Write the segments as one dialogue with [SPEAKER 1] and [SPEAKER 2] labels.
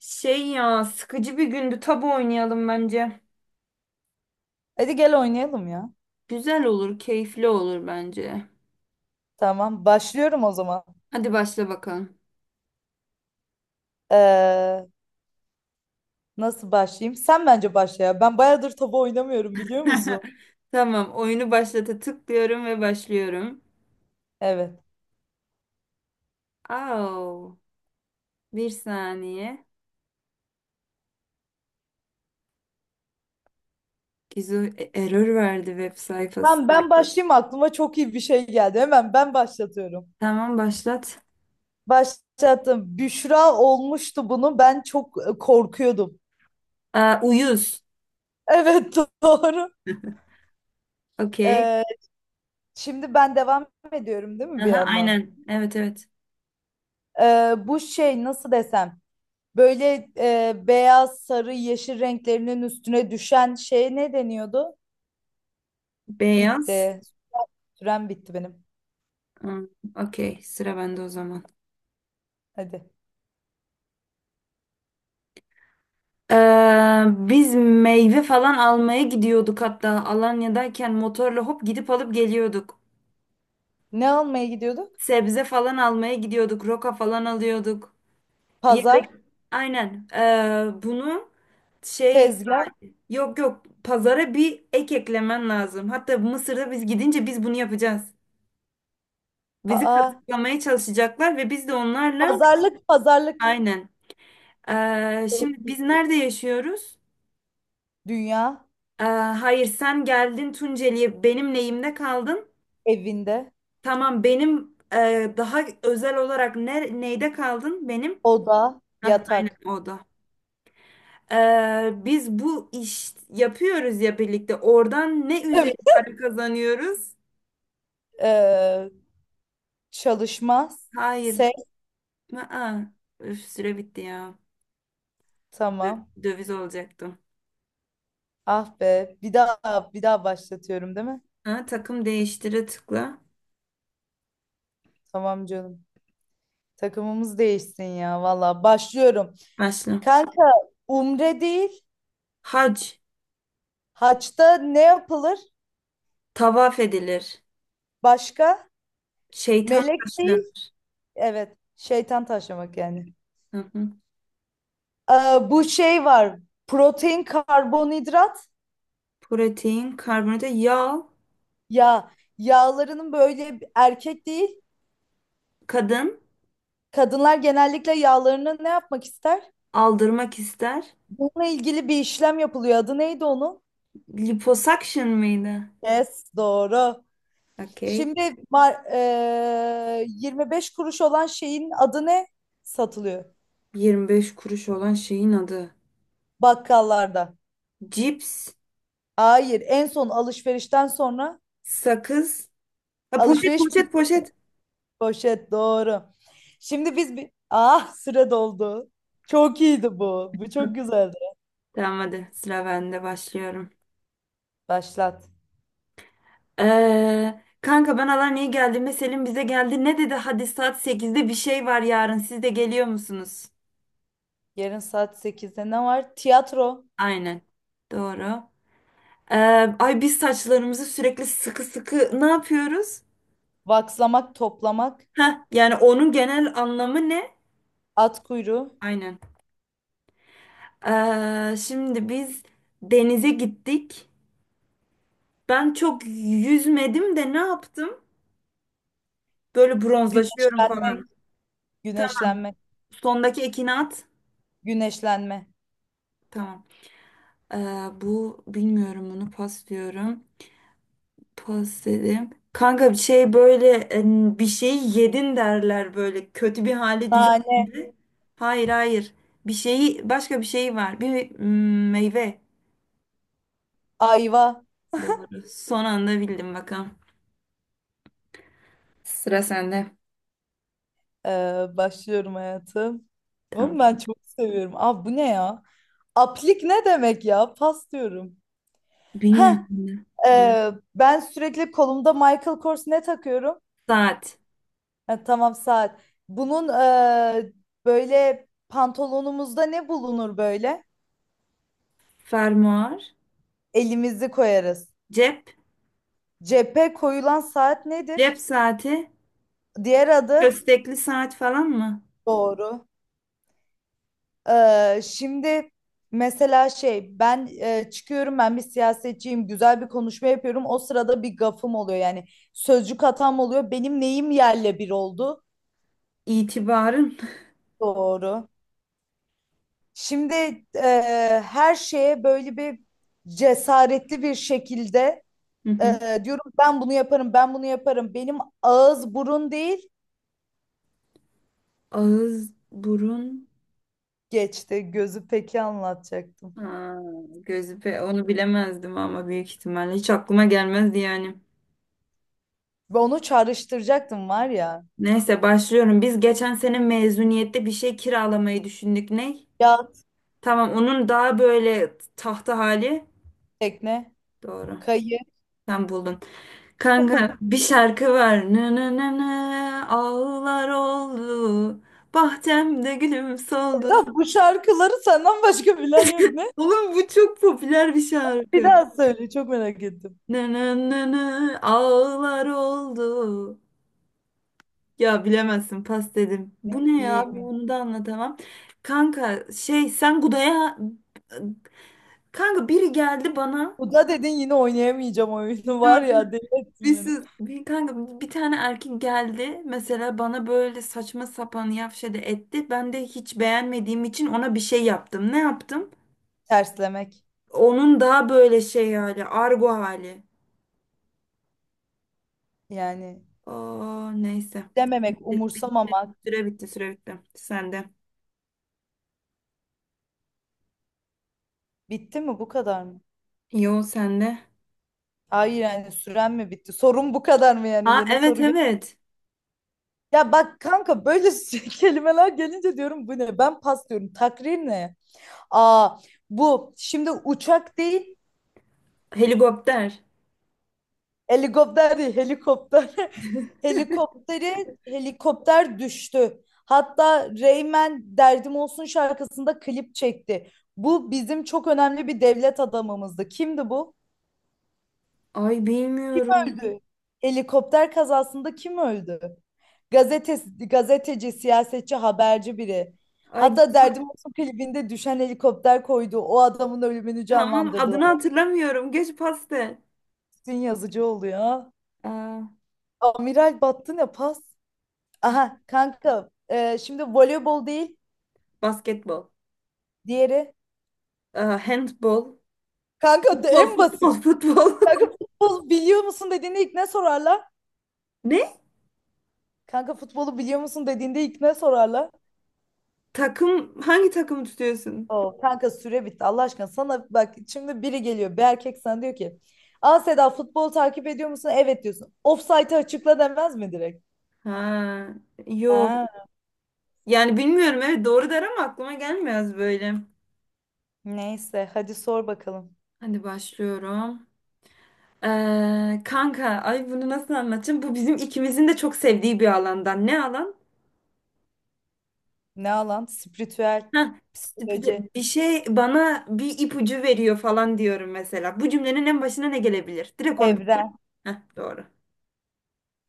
[SPEAKER 1] Şey, ya, sıkıcı bir gündü. Tabu oynayalım bence.
[SPEAKER 2] Hadi gel oynayalım ya.
[SPEAKER 1] Güzel olur, keyifli olur bence.
[SPEAKER 2] Tamam, başlıyorum o zaman.
[SPEAKER 1] Hadi başla bakalım.
[SPEAKER 2] Ee, Nasıl başlayayım? Sen bence başla ya. Ben bayağıdır tabu oynamıyorum biliyor musun?
[SPEAKER 1] Tamam, oyunu başlata tıklıyorum ve başlıyorum.
[SPEAKER 2] Evet.
[SPEAKER 1] Au, bir saniye. Gizu error verdi web sayfası.
[SPEAKER 2] Tamam ben başlayayım aklıma çok iyi bir şey geldi. Hemen ben başlatıyorum.
[SPEAKER 1] Tamam başlat.
[SPEAKER 2] Başlattım. Büşra olmuştu bunu. Ben çok korkuyordum.
[SPEAKER 1] Aa, uyuz.
[SPEAKER 2] Evet doğru.
[SPEAKER 1] Okey.
[SPEAKER 2] Ee, Şimdi ben devam ediyorum değil mi bir
[SPEAKER 1] Aha,
[SPEAKER 2] yandan?
[SPEAKER 1] aynen. Evet, evet.
[SPEAKER 2] Bu şey nasıl desem? Böyle beyaz, sarı, yeşil renklerinin üstüne düşen şey ne deniyordu?
[SPEAKER 1] Beyaz.
[SPEAKER 2] Bitti. Sürem bitti benim.
[SPEAKER 1] Hmm, okey, sıra bende o zaman.
[SPEAKER 2] Hadi.
[SPEAKER 1] Biz meyve falan almaya gidiyorduk, hatta Alanya'dayken motorla hop gidip alıp geliyorduk.
[SPEAKER 2] Ne almaya gidiyorduk?
[SPEAKER 1] Sebze falan almaya gidiyorduk, roka falan alıyorduk. Bir yere
[SPEAKER 2] Pazar,
[SPEAKER 1] aynen bunu şey,
[SPEAKER 2] tezgah.
[SPEAKER 1] yok yok, pazara bir eklemen lazım. Hatta Mısır'da biz gidince biz bunu yapacağız. Bizi
[SPEAKER 2] Aa,
[SPEAKER 1] kazıklamaya çalışacaklar ve biz de onlarla
[SPEAKER 2] pazarlık, pazarlık.
[SPEAKER 1] aynen. Şimdi biz nerede yaşıyoruz?
[SPEAKER 2] Dünya,
[SPEAKER 1] Ee, hayır, sen geldin Tunceli'ye, benim lehimde kaldın.
[SPEAKER 2] evinde,
[SPEAKER 1] Tamam, benim daha özel olarak neyde kaldın benim?
[SPEAKER 2] oda,
[SPEAKER 1] Hah, aynen
[SPEAKER 2] yatak.
[SPEAKER 1] o da. E, biz bu iş yapıyoruz ya birlikte. Oradan ne üzeri
[SPEAKER 2] Evet.
[SPEAKER 1] para kazanıyoruz?
[SPEAKER 2] Ee, Çalışmaz.
[SPEAKER 1] Hayır.
[SPEAKER 2] Ses.
[SPEAKER 1] Aa, üf, süre bitti ya.
[SPEAKER 2] Tamam.
[SPEAKER 1] Döviz olacaktım.
[SPEAKER 2] Ah be. Bir daha başlatıyorum değil mi?
[SPEAKER 1] Ha, takım değiştire tıkla.
[SPEAKER 2] Tamam canım. Takımımız değişsin ya. Valla başlıyorum.
[SPEAKER 1] Başla.
[SPEAKER 2] Kanka, umre değil.
[SPEAKER 1] Hac.
[SPEAKER 2] Haçta ne yapılır?
[SPEAKER 1] Tavaf edilir.
[SPEAKER 2] Başka?
[SPEAKER 1] Şeytan
[SPEAKER 2] Melek değil.
[SPEAKER 1] taşlanır.
[SPEAKER 2] Evet. Şeytan taşlamak yani.
[SPEAKER 1] Hı hı.
[SPEAKER 2] Ee, Bu şey var. Protein, karbonhidrat.
[SPEAKER 1] Protein, karbonhidrat, yağ.
[SPEAKER 2] Ya yağlarının böyle erkek değil.
[SPEAKER 1] Kadın
[SPEAKER 2] Kadınlar genellikle yağlarını ne yapmak ister?
[SPEAKER 1] aldırmak ister.
[SPEAKER 2] Bununla ilgili bir işlem yapılıyor. Adı neydi onun?
[SPEAKER 1] Liposuction mıydı?
[SPEAKER 2] Yes, doğru.
[SPEAKER 1] Okey.
[SPEAKER 2] Şimdi 25 kuruş olan şeyin adı ne? Satılıyor
[SPEAKER 1] 25 kuruş olan şeyin adı.
[SPEAKER 2] bakkallarda.
[SPEAKER 1] Cips,
[SPEAKER 2] Hayır, en son alışverişten sonra
[SPEAKER 1] sakız. Ha, poşet,
[SPEAKER 2] alışveriş.
[SPEAKER 1] poşet, poşet.
[SPEAKER 2] Poşet doğru. Şimdi biz bir... Ah süre doldu. Çok iyiydi bu. Bu çok güzeldi.
[SPEAKER 1] Tamam, hadi sıra bende, başlıyorum.
[SPEAKER 2] Başlat.
[SPEAKER 1] Kanka, ben Alanya'ya geldiğimde Selim bize geldi. Ne dedi? Hadi, saat sekizde bir şey var yarın. Siz de geliyor musunuz?
[SPEAKER 2] Yarın saat 8'de ne var? Tiyatro,
[SPEAKER 1] Aynen. Doğru. Ee, Ay, biz saçlarımızı sürekli sıkı sıkı ne yapıyoruz?
[SPEAKER 2] vakslamak, toplamak,
[SPEAKER 1] Heh, yani onun genel anlamı ne?
[SPEAKER 2] at kuyruğu,
[SPEAKER 1] Aynen. Şimdi biz denize gittik. Ben çok yüzmedim de ne yaptım? Böyle bronzlaşıyorum
[SPEAKER 2] güneşlenmek,
[SPEAKER 1] falan.
[SPEAKER 2] güneşlenme,
[SPEAKER 1] Sondaki ekini at.
[SPEAKER 2] güneşlenme.
[SPEAKER 1] Tamam. Ee, Bu bilmiyorum, bunu pas diyorum. Pas dedim. Kanka, bir şey böyle bir şeyi yedin derler böyle kötü bir hale
[SPEAKER 2] Nane,
[SPEAKER 1] düştüğünde. Hayır, hayır. Bir şeyi başka bir şey var. Bir meyve.
[SPEAKER 2] ayva.
[SPEAKER 1] Doğru. Son anda bildim bakalım. Sıra sende.
[SPEAKER 2] Başlıyorum hayatım. Oğlum ben
[SPEAKER 1] Tamam.
[SPEAKER 2] çok seviyorum. Aa bu ne ya? Aplik ne demek ya? Pas diyorum. Heh,
[SPEAKER 1] Bilmiyorum.
[SPEAKER 2] ben sürekli kolumda Michael Kors ne takıyorum?
[SPEAKER 1] Saat.
[SPEAKER 2] Ha, tamam saat. Bunun böyle pantolonumuzda ne bulunur böyle?
[SPEAKER 1] Fermuar,
[SPEAKER 2] Elimizi koyarız.
[SPEAKER 1] cep,
[SPEAKER 2] Cephe koyulan saat nedir?
[SPEAKER 1] cep saati,
[SPEAKER 2] Diğer adı
[SPEAKER 1] köstekli saat falan mı?
[SPEAKER 2] doğru. Şimdi mesela şey ben çıkıyorum ben bir siyasetçiyim güzel bir konuşma yapıyorum. O sırada bir gafım oluyor yani sözcük hatam oluyor. Benim neyim yerle bir oldu?
[SPEAKER 1] İtibarın.
[SPEAKER 2] Doğru. Şimdi her şeye böyle bir cesaretli bir şekilde.
[SPEAKER 1] Hı hı.
[SPEAKER 2] Diyorum ben bunu yaparım, ben bunu yaparım. Benim ağız burun değil.
[SPEAKER 1] Ağız, burun,
[SPEAKER 2] Geçti gözü peki anlatacaktım.
[SPEAKER 1] ha, gözü pe onu bilemezdim ama büyük ihtimalle hiç aklıma gelmezdi yani.
[SPEAKER 2] Ve onu çağrıştıracaktım var ya.
[SPEAKER 1] Neyse, başlıyorum. Biz geçen sene mezuniyette bir şey kiralamayı düşündük. Ne?
[SPEAKER 2] Yat,
[SPEAKER 1] Tamam, onun daha böyle tahta hali.
[SPEAKER 2] tekne,
[SPEAKER 1] Doğru.
[SPEAKER 2] kayı.
[SPEAKER 1] Sen buldun. Kanka, bir şarkı var. Nı nı nı nı, ağlar oldu. Bahçemde gülüm soldu.
[SPEAKER 2] Sedat, bu şarkıları senden başka bilen yok ne?
[SPEAKER 1] Oğlum, bu çok popüler bir
[SPEAKER 2] Bir
[SPEAKER 1] şarkı.
[SPEAKER 2] daha söyle çok merak ettim.
[SPEAKER 1] Nı nı nı nı, ağlar oldu. Ya bilemezsin, pas dedim. Bu ne
[SPEAKER 2] İyiyim.
[SPEAKER 1] ya? Bunu da anlatamam. Kanka şey, sen Guda'ya... Kanka, biri geldi bana.
[SPEAKER 2] Bu da dedin yine oynayamayacağım oyunu var ya deli ettin beni.
[SPEAKER 1] Bir kanka, bir tane erkek geldi mesela bana, böyle saçma sapan yavşadı etti. Ben de hiç beğenmediğim için ona bir şey yaptım. Ne yaptım?
[SPEAKER 2] Terslemek
[SPEAKER 1] Onun daha böyle şey hali, argo hali.
[SPEAKER 2] yani
[SPEAKER 1] Aa, neyse.
[SPEAKER 2] dememek,
[SPEAKER 1] Bitti,
[SPEAKER 2] umursamamak.
[SPEAKER 1] süre bitti, süre bitti. Sende.
[SPEAKER 2] Bitti mi bu kadar mı?
[SPEAKER 1] Yo, sende.
[SPEAKER 2] Hayır yani süren mi bitti? Sorun bu kadar mı yani?
[SPEAKER 1] Ha,
[SPEAKER 2] Yeni
[SPEAKER 1] evet,
[SPEAKER 2] soru.
[SPEAKER 1] evet.
[SPEAKER 2] Ya bak kanka böyle kelimeler gelince diyorum bu ne? Ben pas diyorum. Takrir ne? Aa bu şimdi uçak değil,
[SPEAKER 1] Helikopter.
[SPEAKER 2] helikopter değil helikopter. Helikopteri helikopter düştü. Hatta Reymen Derdim Olsun şarkısında klip çekti. Bu bizim çok önemli bir devlet adamımızdı. Kimdi bu?
[SPEAKER 1] Ay,
[SPEAKER 2] Kim
[SPEAKER 1] bilmiyorum.
[SPEAKER 2] öldü? Helikopter kazasında kim öldü? Gazetesi, gazeteci, siyasetçi, haberci biri.
[SPEAKER 1] Ay
[SPEAKER 2] Hatta
[SPEAKER 1] gü-
[SPEAKER 2] Derdim Olsun klibinde düşen helikopter koydu. O adamın ölümünü
[SPEAKER 1] tamam,
[SPEAKER 2] canlandırdılar.
[SPEAKER 1] adını hatırlamıyorum. Geç pasta.
[SPEAKER 2] Bütün yazıcı oluyor.
[SPEAKER 1] Aa,
[SPEAKER 2] Amiral battı ne pas? Aha kanka şimdi voleybol değil
[SPEAKER 1] basketbol.
[SPEAKER 2] diğeri.
[SPEAKER 1] Aa, handbol.
[SPEAKER 2] Kanka
[SPEAKER 1] Futbol,
[SPEAKER 2] en
[SPEAKER 1] futbol,
[SPEAKER 2] basit.
[SPEAKER 1] futbol.
[SPEAKER 2] Kanka futbol biliyor musun dediğinde ilk ne sorarlar?
[SPEAKER 1] Ne?
[SPEAKER 2] Kanka futbolu biliyor musun dediğinde ilk ne sorarlar?
[SPEAKER 1] Hangi takımı tutuyorsun?
[SPEAKER 2] O kanka süre bitti Allah aşkına sana bak şimdi biri geliyor bir erkek sana diyor ki, aa Seda futbol takip ediyor musun? Evet diyorsun. Ofsaytı açıkla demez mi direkt?
[SPEAKER 1] Ha, yok.
[SPEAKER 2] Ha,
[SPEAKER 1] Yani bilmiyorum, evet doğru der ama aklıma gelmez böyle.
[SPEAKER 2] neyse hadi sor bakalım.
[SPEAKER 1] Hadi başlıyorum. Kanka, ay bunu nasıl anlatacağım? Bu bizim ikimizin de çok sevdiği bir alandan. Ne alan?
[SPEAKER 2] Ne alan? Spiritüel,
[SPEAKER 1] Heh,
[SPEAKER 2] psikoloji,
[SPEAKER 1] bir şey bana bir ipucu veriyor falan diyorum mesela. Bu cümlenin en başına ne gelebilir? Direkt onu.
[SPEAKER 2] evren.
[SPEAKER 1] Heh, doğru.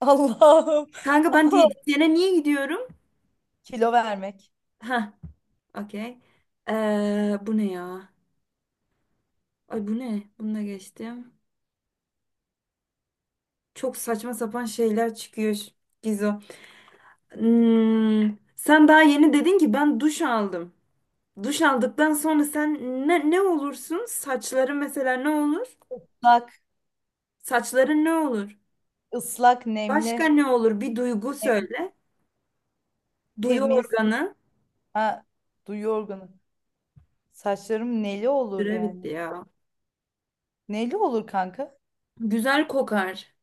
[SPEAKER 2] Allah'ım.
[SPEAKER 1] Kanka, ben diyetisyene niye gidiyorum?
[SPEAKER 2] Kilo vermek.
[SPEAKER 1] Heh, okey. Bu ne ya? Ay, bu ne? Bunu da geçtim. Çok saçma sapan şeyler çıkıyor Gizo. Hmm, sen daha yeni dedin ki ben duş aldım. Duş aldıktan sonra sen ne olursun? Saçların mesela ne olur?
[SPEAKER 2] Islak,
[SPEAKER 1] Saçların ne olur?
[SPEAKER 2] ıslak,
[SPEAKER 1] Başka
[SPEAKER 2] nemli,
[SPEAKER 1] ne olur? Bir duygu
[SPEAKER 2] nemli,
[SPEAKER 1] söyle. Duyu
[SPEAKER 2] temiz.
[SPEAKER 1] organı.
[SPEAKER 2] Ha, duyu organı. Saçlarım neli olur
[SPEAKER 1] Süre bitti
[SPEAKER 2] yani.
[SPEAKER 1] ya.
[SPEAKER 2] Neli olur kanka?
[SPEAKER 1] Güzel kokar.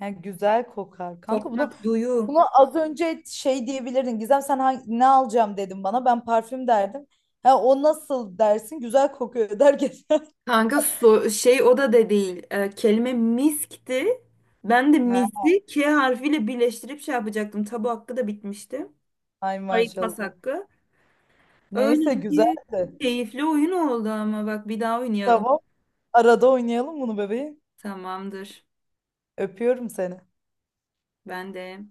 [SPEAKER 2] Yani güzel kokar. Kanka bunu.
[SPEAKER 1] Kokmak, duyu.
[SPEAKER 2] Bunu az önce şey diyebilirdin. Gizem sen ne alacağım dedim bana. Ben parfüm derdim. Ha, o nasıl dersin? Güzel kokuyor der geçer.
[SPEAKER 1] Kanka, şey o da de değil. Kelime miskti. Ben de
[SPEAKER 2] Ha,
[SPEAKER 1] misi K harfiyle birleştirip şey yapacaktım. Tabu hakkı da bitmişti.
[SPEAKER 2] ay
[SPEAKER 1] Hayır, pas
[SPEAKER 2] maşallah.
[SPEAKER 1] hakkı.
[SPEAKER 2] Neyse
[SPEAKER 1] Öyle ki
[SPEAKER 2] güzeldi.
[SPEAKER 1] keyifli oyun oldu ama bak, bir daha oynayalım.
[SPEAKER 2] Tamam. Arada oynayalım bunu bebeğim.
[SPEAKER 1] Tamamdır.
[SPEAKER 2] Öpüyorum seni.
[SPEAKER 1] Ben de.